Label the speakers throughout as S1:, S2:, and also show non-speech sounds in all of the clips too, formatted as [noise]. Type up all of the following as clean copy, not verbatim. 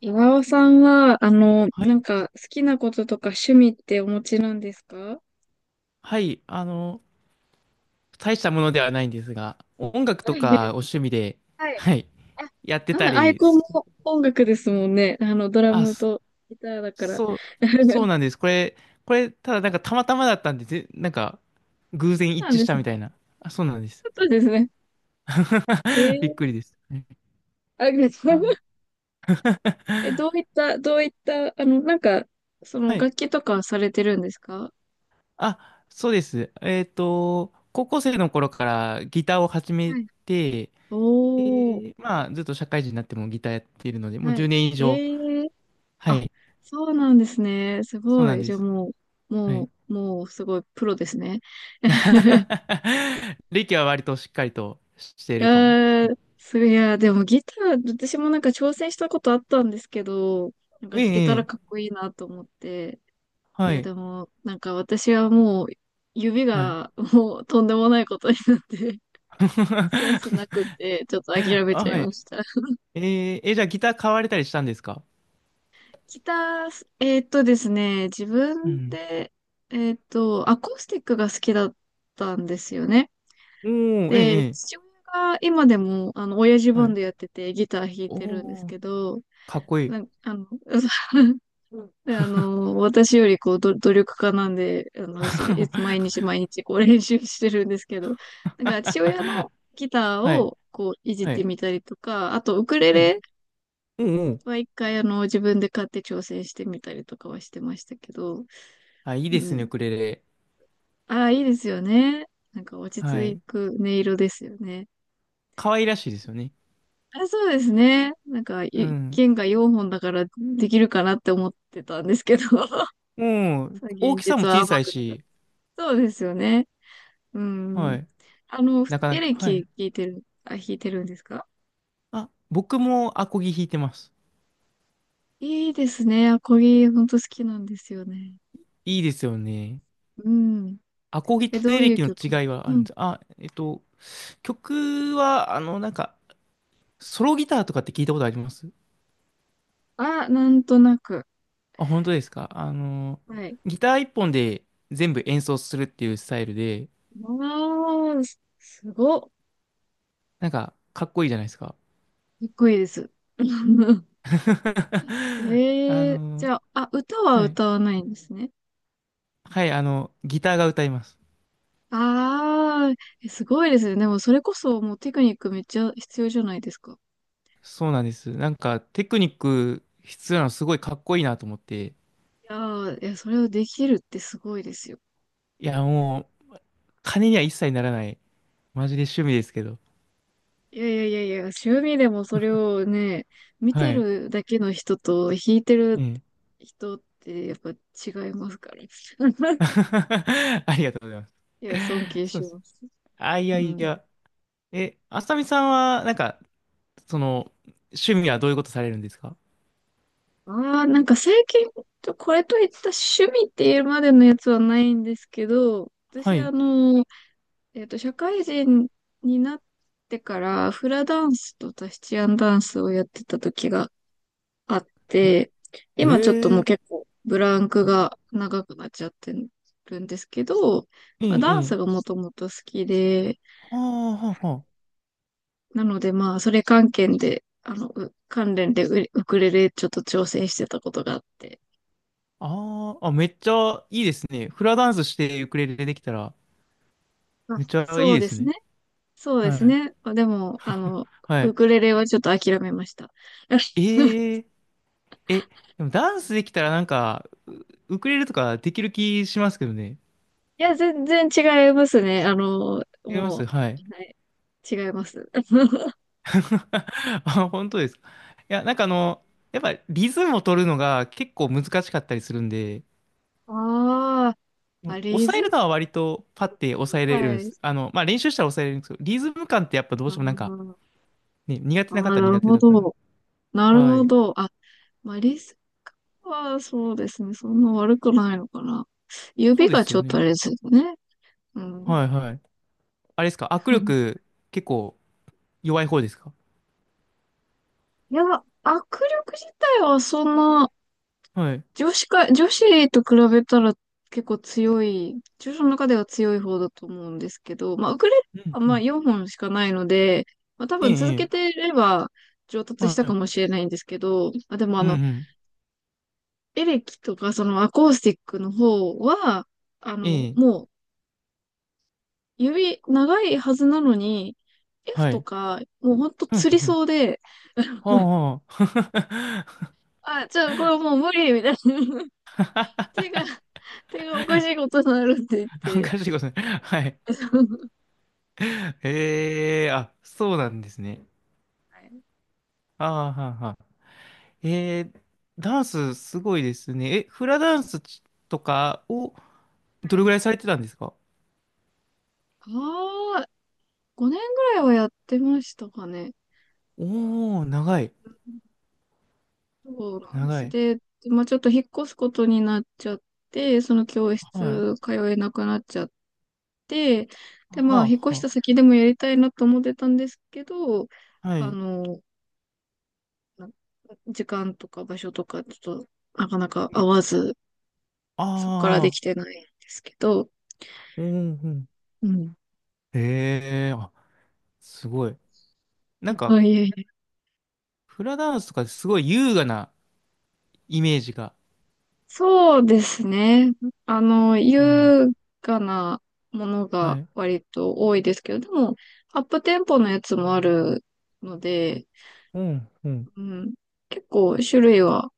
S1: 岩尾さんは、
S2: はい、
S1: 好きなこととか趣味ってお持ちなんですか？
S2: はい、大したものではないんですが、音楽
S1: は
S2: とかお
S1: い。
S2: 趣味で、
S1: はい。
S2: はい、
S1: あ、
S2: やって
S1: う
S2: た
S1: ん、アイ
S2: り、
S1: コン
S2: そ
S1: も音楽ですもんね。ドラ
S2: あ、
S1: ム
S2: そ
S1: とギターだから。
S2: そう、そうなん
S1: [laughs]
S2: です。これ、ただなんかたまたまだったんで、ぜなんか、偶
S1: そ
S2: 然
S1: うな
S2: 一
S1: ん
S2: 致し
S1: です
S2: たみ
S1: ね。
S2: たいな。あ、そうなんです。
S1: そうですね。え
S2: [laughs] びっ
S1: ー、
S2: くりです。
S1: あ、
S2: あ
S1: [laughs]
S2: [laughs]
S1: どういった、その
S2: はい。
S1: 楽器とかはされてるんですか？
S2: あ、そうです。高校生の頃からギターを始め
S1: はい。
S2: て、
S1: おー、
S2: で、まあ、ずっと社会人になってもギターやっているので、もう
S1: は
S2: 10
S1: い。
S2: 年以
S1: え
S2: 上。
S1: ー
S2: は
S1: あ、
S2: い、
S1: そうなんですね。す
S2: そう
S1: ご
S2: なん
S1: い。
S2: で
S1: じゃあ
S2: す。はい。
S1: もうすごいプロですね。[laughs]
S2: [laughs] リキは割としっかりとしてい
S1: い
S2: るかも。
S1: やー、そりゃ、でもギター、私もなんか挑戦したことあったんですけど、なんか
S2: え
S1: 弾けた
S2: え、
S1: ら
S2: ええ、
S1: かっこいいなと思って。い
S2: は
S1: や、
S2: い、
S1: でも、なんか私はもう、指
S2: はい。
S1: がもうとんでもないことになって、[laughs] センスなくっ
S2: [laughs]
S1: て、ちょっと諦め
S2: あ、
S1: ちゃい
S2: は
S1: ま
S2: い。
S1: した。
S2: えーえ、じゃあギター買われたりしたんですか？
S1: ギター、ですね、自
S2: う
S1: 分
S2: ん。
S1: で、アコースティックが好きだったんですよね。
S2: おー、え
S1: で、
S2: え、え
S1: 父
S2: え、
S1: 親が今でも、親父
S2: は
S1: バン
S2: い。
S1: ドやっててギター弾いてるんです
S2: おー、
S1: けど、
S2: かっこいい。
S1: なん、あの、[laughs] で、私よりこう、努力家なんで、すごい、毎
S2: [laughs]
S1: 日毎日こう練習してるんですけど、なんか父親のギター
S2: はい、
S1: をこう、いじっ
S2: は
S1: て
S2: い。
S1: みたりとか、あとウクレ
S2: ええ、
S1: レ
S2: おおー、
S1: は一回自分で買って挑戦してみたりとかはしてましたけど、
S2: あ、いい
S1: う
S2: ですね、ウ
S1: ん。
S2: クレレ。
S1: ああ、いいですよね。なんか落ち
S2: は
S1: 着
S2: い。
S1: く音色ですよね。
S2: 可愛らしいですよね。
S1: あ、そうですね。なんか、
S2: うん。
S1: 剣が4本だからできるかなって思ってたんですけど、[laughs]
S2: もう大
S1: 現
S2: きさも
S1: 実は
S2: 小さ
S1: 甘
S2: い
S1: くなかっ
S2: し、
S1: た。そうですよね。う
S2: は
S1: ん。
S2: い。なか
S1: エ
S2: なか、
S1: レ
S2: は
S1: キ
S2: い。
S1: 弾いてる、あ、弾いてるんですか？
S2: あ、僕もアコギ弾いてます。
S1: いいですね。アコギ、ほんと好きなんですよね。
S2: いいですよね。
S1: うん。
S2: アコギと
S1: ど
S2: エ
S1: う
S2: レ
S1: いう
S2: キの
S1: 曲？
S2: 違いはあ
S1: う
S2: るん
S1: ん。
S2: です。あ、曲は、なんか、ソロギターとかって聞いたことあります
S1: あ、なんとなく。
S2: あ、本当ですか？
S1: はい。
S2: ギター一本で全部演奏するっていうスタイルで、
S1: ああ、すごっ。か
S2: なんか、かっこいいじゃないですか。
S1: っこいいです。[laughs]
S2: [laughs] あ
S1: ええー、じ
S2: の、
S1: ゃあ、あ、歌は
S2: はい。
S1: 歌わないんですね。
S2: はい、ギターが歌います。
S1: ああ、すごいですね。でもそれこそもうテクニックめっちゃ必要じゃないですか。
S2: そうなんです。なんか、テクニック必要なのすごいかっこいいなと思って。
S1: いやー、いや、それをできるってすごいですよ。
S2: いや、もう、金には一切ならない。マジで趣味ですけど。
S1: いやいやいやいや、趣味でもそれをね、見
S2: は
S1: て
S2: い。
S1: るだけの人と弾いて
S2: え
S1: る
S2: え。
S1: 人ってやっぱ違いますから。[laughs] い
S2: [laughs] ありがとうございま
S1: や、尊敬
S2: す。そ
S1: し
S2: うです。
S1: ます。
S2: あ、い
S1: う
S2: やい
S1: ん。
S2: や。え、あさみさんは、なんか、その、趣味はどういうことされるんですか？
S1: ああ、なんか最近、これといった趣味っていうまでのやつはないんですけど、
S2: は
S1: 私
S2: い。
S1: 社会人になってからフラダンスとタヒチアンダンスをやってた時があっ
S2: え、
S1: て、
S2: え
S1: 今ちょっともう
S2: ー、
S1: 結構ブランク
S2: はい、
S1: が長くなっちゃってるんですけど、
S2: え
S1: まあ、
S2: え、
S1: ダン
S2: え
S1: ス
S2: え。
S1: がもともと好きで、
S2: はあ、はあ、は
S1: なのでまあ、それ関係で、関連でウクレレちょっと挑戦してたことがあって。
S2: あ。あーあ、めっちゃいいですね。フラダンスしてウクレレできたら、
S1: あ、
S2: めっちゃい
S1: そ
S2: い
S1: う
S2: で
S1: で
S2: す
S1: す
S2: ね。
S1: ね。そうで
S2: は
S1: す
S2: い。
S1: ね。まあでも、
S2: は
S1: ウ
S2: い。
S1: クレレはちょっと諦めました。[laughs]
S2: えええ、でもダンスできたらなんか、ウクレレとかできる気しますけどね。
S1: いや、全然違いますね。
S2: できま
S1: も
S2: す、
S1: う、
S2: はい。
S1: はい、違います。[laughs]
S2: [laughs] あ、本当ですか。いや、なんかやっぱリズムを取るのが結構難しかったりするんで、
S1: ああ、あ、リ
S2: 抑
S1: ズ
S2: え
S1: ム、
S2: るのは割とパッて抑えれる
S1: は
S2: んで
S1: い。
S2: す。まあ練習したら抑えれるんですけど、リズム感ってやっぱどう
S1: あ
S2: してもなんか、
S1: ー
S2: ね、苦手
S1: あー、
S2: な
S1: な
S2: 方は
S1: る
S2: 苦手
S1: ほ
S2: だから。
S1: ど。なる
S2: は
S1: ほ
S2: い。
S1: ど。あ、まあ、リズムはそうですね。そんな悪くないのかな。
S2: そ
S1: 指
S2: うで
S1: が
S2: す
S1: ち
S2: よ
S1: ょっとあ
S2: ね。
S1: れですよね。うん。
S2: はいはい。あれですか、握
S1: [laughs]
S2: 力結構弱い方ですか？
S1: いや、握力自体はそんな
S2: はい。
S1: 女子と比べたら結構強い、女子の中では強い方だと思うんですけど、まあ、ウクレレ
S2: うん
S1: は
S2: う
S1: まあ
S2: ん。
S1: 4本しかないので、まあ、多
S2: ええ、
S1: 分続
S2: ええ。
S1: けてれば上達
S2: は
S1: したか
S2: い。
S1: もしれないんですけど、まあ、でも
S2: うんうん。
S1: エレキとかそのアコースティックの方は、
S2: ええ。
S1: もう指長いはずなのに、F
S2: は
S1: と
S2: い。
S1: か、もうほんと
S2: うん
S1: 釣り
S2: うん。
S1: そうで、
S2: はあはあ。
S1: あ、じゃあこれもう無理みたいな。[laughs] 手が、手がおかしいことになるって言っ
S2: [laughs] お
S1: て。
S2: かしいことね。はい。
S1: [laughs]
S2: [laughs] ええ、あ、そうなんですね。
S1: は
S2: ああ、はあはあ、えー、ダンスすごいですね。え、フラダンスとかをどれ
S1: い、
S2: ぐらいされてたんですか？
S1: ああ、5年ぐらいはやってましたかね。
S2: おー、長い、
S1: そうなんで
S2: 長
S1: す。
S2: い。
S1: で、まあちょっと引っ越すことになっちゃって、その教
S2: はい。
S1: 室通えなくなっちゃって、で、まあ
S2: は
S1: 引っ越
S2: あ、
S1: し
S2: は
S1: た先でもやりたいなと思ってたんですけど、
S2: あ、は
S1: あ
S2: い。
S1: の、な時間とか場所とかちょっとなかなか合わず、
S2: あ
S1: そこからで
S2: あ、
S1: きてないんですけど、
S2: うん、うん。
S1: うん。
S2: ええ、あ、すごい。なんか、
S1: はい、
S2: フラダンスとかすごい優雅なイメージが。
S1: そうですね。
S2: うん。
S1: 優雅なもの
S2: は
S1: が
S2: い。
S1: 割と多いですけど、でも、アップテンポのやつもあるので、
S2: うん、うん。
S1: うん、結構種類は、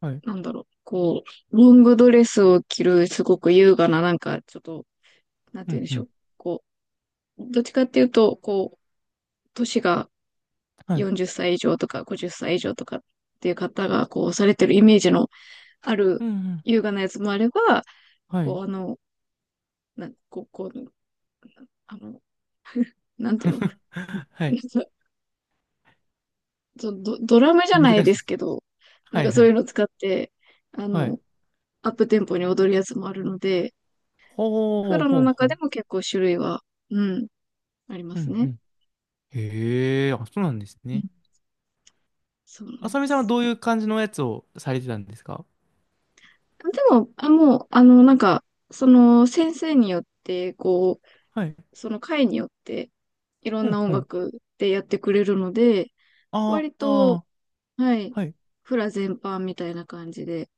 S2: はい。
S1: なんだろう、こう、ロングドレスを着る、すごく優雅な、なんか、ちょっと、なん
S2: う
S1: て言
S2: ん、
S1: うんで
S2: う
S1: しょ
S2: ん。
S1: う。こう、どっちかっていうと、こう、年が
S2: はい。
S1: 40歳以上とか50歳以上とかっていう方が、こう、されてるイメージのある
S2: うん、うん。
S1: 優雅なやつもあれば、
S2: はい。
S1: こう、こう、あの、なんていうの、
S2: [laughs]
S1: [laughs]
S2: は
S1: な
S2: い。
S1: んかドラムじゃ
S2: 難
S1: ない
S2: し
S1: で
S2: そ
S1: す
S2: う。
S1: けど、な
S2: は
S1: ん
S2: い
S1: か
S2: は
S1: そうい
S2: い。
S1: うの使って、あ
S2: は
S1: の、
S2: い。
S1: アップテンポに踊るやつもあるので、
S2: ほ
S1: フ
S2: う
S1: ラの
S2: ほうほ
S1: 中で
S2: う。
S1: も結構種類は、うん、ありま
S2: う
S1: す
S2: んう
S1: ね。
S2: ん。へえ、あ、そうなんです
S1: うん、
S2: ね。
S1: そうな
S2: あ
S1: んで
S2: さみさんは
S1: す。
S2: どういう感じのやつをされてたんですか？
S1: でも、あ、もう、なんか、その先生によって、こ
S2: はい。
S1: う、その会によって、いろん
S2: う
S1: な
S2: ん
S1: 音
S2: うん。
S1: 楽でやってくれるので、
S2: あ
S1: 割と、
S2: あ、
S1: はい、
S2: はい。
S1: フラ全般みたいな感じで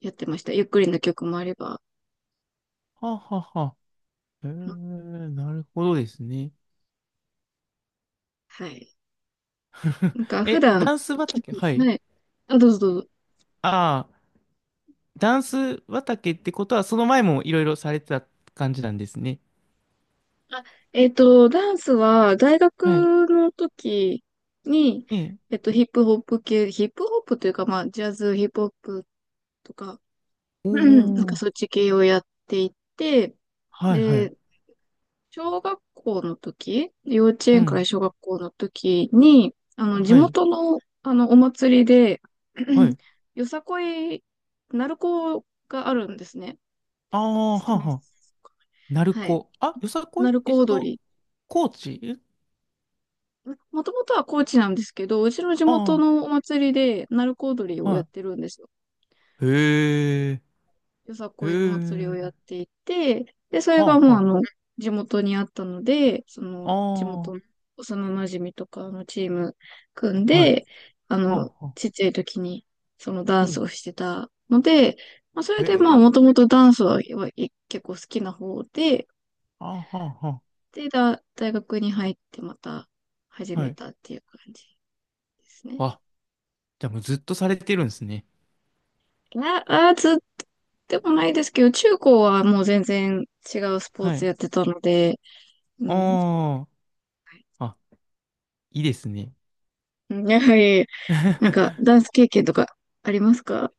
S1: やってました。ゆっくりな曲もあれば、
S2: ははは。へえ、なるほどですね。
S1: はい。
S2: [laughs]
S1: なんか普
S2: え、
S1: 段、
S2: ダンス畑、はい。
S1: はい。あ、どうぞどうぞ。
S2: ああ、ダンス畑ってことは、その前もいろいろされてた感じなんですね。
S1: ダンスは大
S2: はい。
S1: 学の時に、
S2: ええ。
S1: ヒップホップ系、ヒップホップというか、まあ、ジャズ、ヒップホップとか、
S2: お
S1: うんなんか
S2: お、
S1: そっち系をやっていて、
S2: はいはい。
S1: で、小学校の時、幼稚
S2: う
S1: 園から
S2: ん。
S1: 小学校の時に、地
S2: はい。
S1: 元の、お祭りで、う
S2: は
S1: ん
S2: い。
S1: よさこい、鳴子があるんですね。
S2: ああ、
S1: 知っ
S2: は
S1: て
S2: あ
S1: ます。
S2: は。鳴
S1: はい。
S2: 子。あ、よさこい、
S1: 鳴子踊り。
S2: 高知
S1: もともとは高知なんですけど、うちの地元
S2: あ
S1: のお祭りで鳴子踊り
S2: あ、
S1: をやっ
S2: は
S1: てるんですよ。
S2: い。へえ、
S1: よさ
S2: へ
S1: こいの祭りをやっ
S2: え、
S1: ていて、で、それ
S2: は
S1: が
S2: あ
S1: もう
S2: は
S1: 地元にあったので、その
S2: あ、
S1: 地元の
S2: あ
S1: 幼馴染みとかのチーム組ん
S2: あ、はい、
S1: で、
S2: はあはあ、
S1: ちっちゃい時にそのダン
S2: う
S1: ス
S2: ん、
S1: をしてたので、まあ、それ
S2: へ
S1: でまあもとも
S2: え、
S1: とダンスははい結構好きな方で、
S2: ああ、はあは
S1: で、大学に入ってまた始
S2: あ、
S1: め
S2: はい。
S1: たっていう感じですね。
S2: あ、じゃあもうずっとされてるんですね。
S1: あ、あー、ずっとでもないですけど、中高はもう全然違うスポー
S2: は
S1: ツ
S2: い。
S1: やってたので、うん。
S2: ああ、あ、いいですね。
S1: やはり、なんか、ダ
S2: [laughs]
S1: ンス経験とかありますか？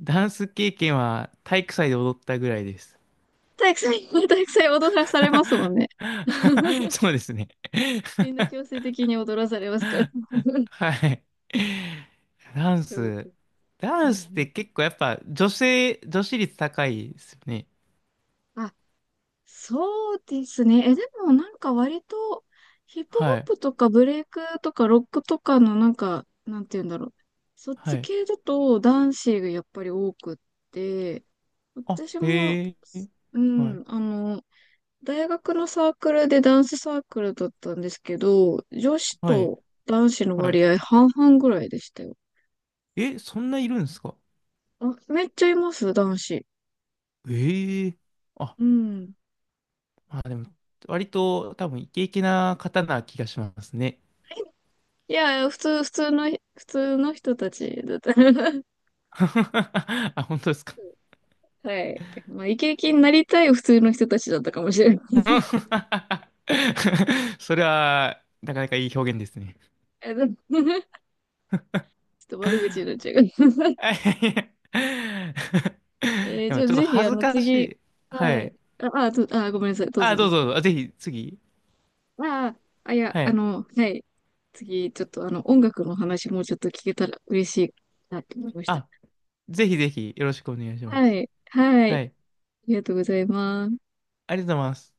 S2: ダンス経験は体育祭で踊ったぐらいです。
S1: 体育祭、[laughs] 体育祭踊らされますもん
S2: [laughs]
S1: ね。[laughs]
S2: そうですね。
S1: みんな強制的に踊らされますから。[laughs]
S2: はい。ダン
S1: すご
S2: ス。
S1: く、う
S2: ダ
S1: ん、う
S2: ンスっ
S1: ん。
S2: て結構やっぱ女性、女子率高いですよね。
S1: あ、そうですね。でもなんか割とヒップ
S2: は
S1: ホッ
S2: い。
S1: プとかブレイクとかロックとかのなんか、なんて言うんだろう。そっ
S2: は
S1: ち
S2: い。
S1: 系だと男子がやっぱり多くって、
S2: あ、
S1: 私も、
S2: へえ。
S1: う
S2: はい。
S1: ん、大学のサークルでダンスサークルだったんですけど、女子
S2: はい。
S1: と男子の
S2: はい。
S1: 割合半々ぐらいでしたよ。
S2: え、そんないるんですか？
S1: あ、めっちゃいます、男子。
S2: ええ、あ、
S1: うん。
S2: まあでも、割と多分イケイケな方な気がしますね。
S1: いや、普通の人たちだった。[laughs]
S2: [laughs] あ、本当ですか。
S1: はい。まあ、イケイケになりたい普通の人たちだったかもしれない。[laughs]
S2: [laughs] それは、なかなかいい表現ですね。
S1: でも [laughs] ちょっと悪口になっちゃうけど
S2: [laughs] あ、いやいや。
S1: [laughs]
S2: [laughs] で
S1: じ
S2: も
S1: ゃあ
S2: ちょっと
S1: ぜひ、
S2: 恥ずかし
S1: 次、
S2: い。は
S1: はい。
S2: い。
S1: ごめんなさい。どうぞ
S2: あ、
S1: ど
S2: ど
S1: う
S2: う
S1: ぞ。
S2: ぞどうぞ。あ、ぜひ、次。
S1: あ、いや、
S2: はい。
S1: はい。次、ちょっと、音楽の話もうちょっと聞けたら嬉しいなと思いました。
S2: あ、ぜひぜひ、よろしくお願いしま
S1: は
S2: す。
S1: い。はい。
S2: は
S1: あ
S2: い。
S1: りがとうございます。
S2: ありがとうございます。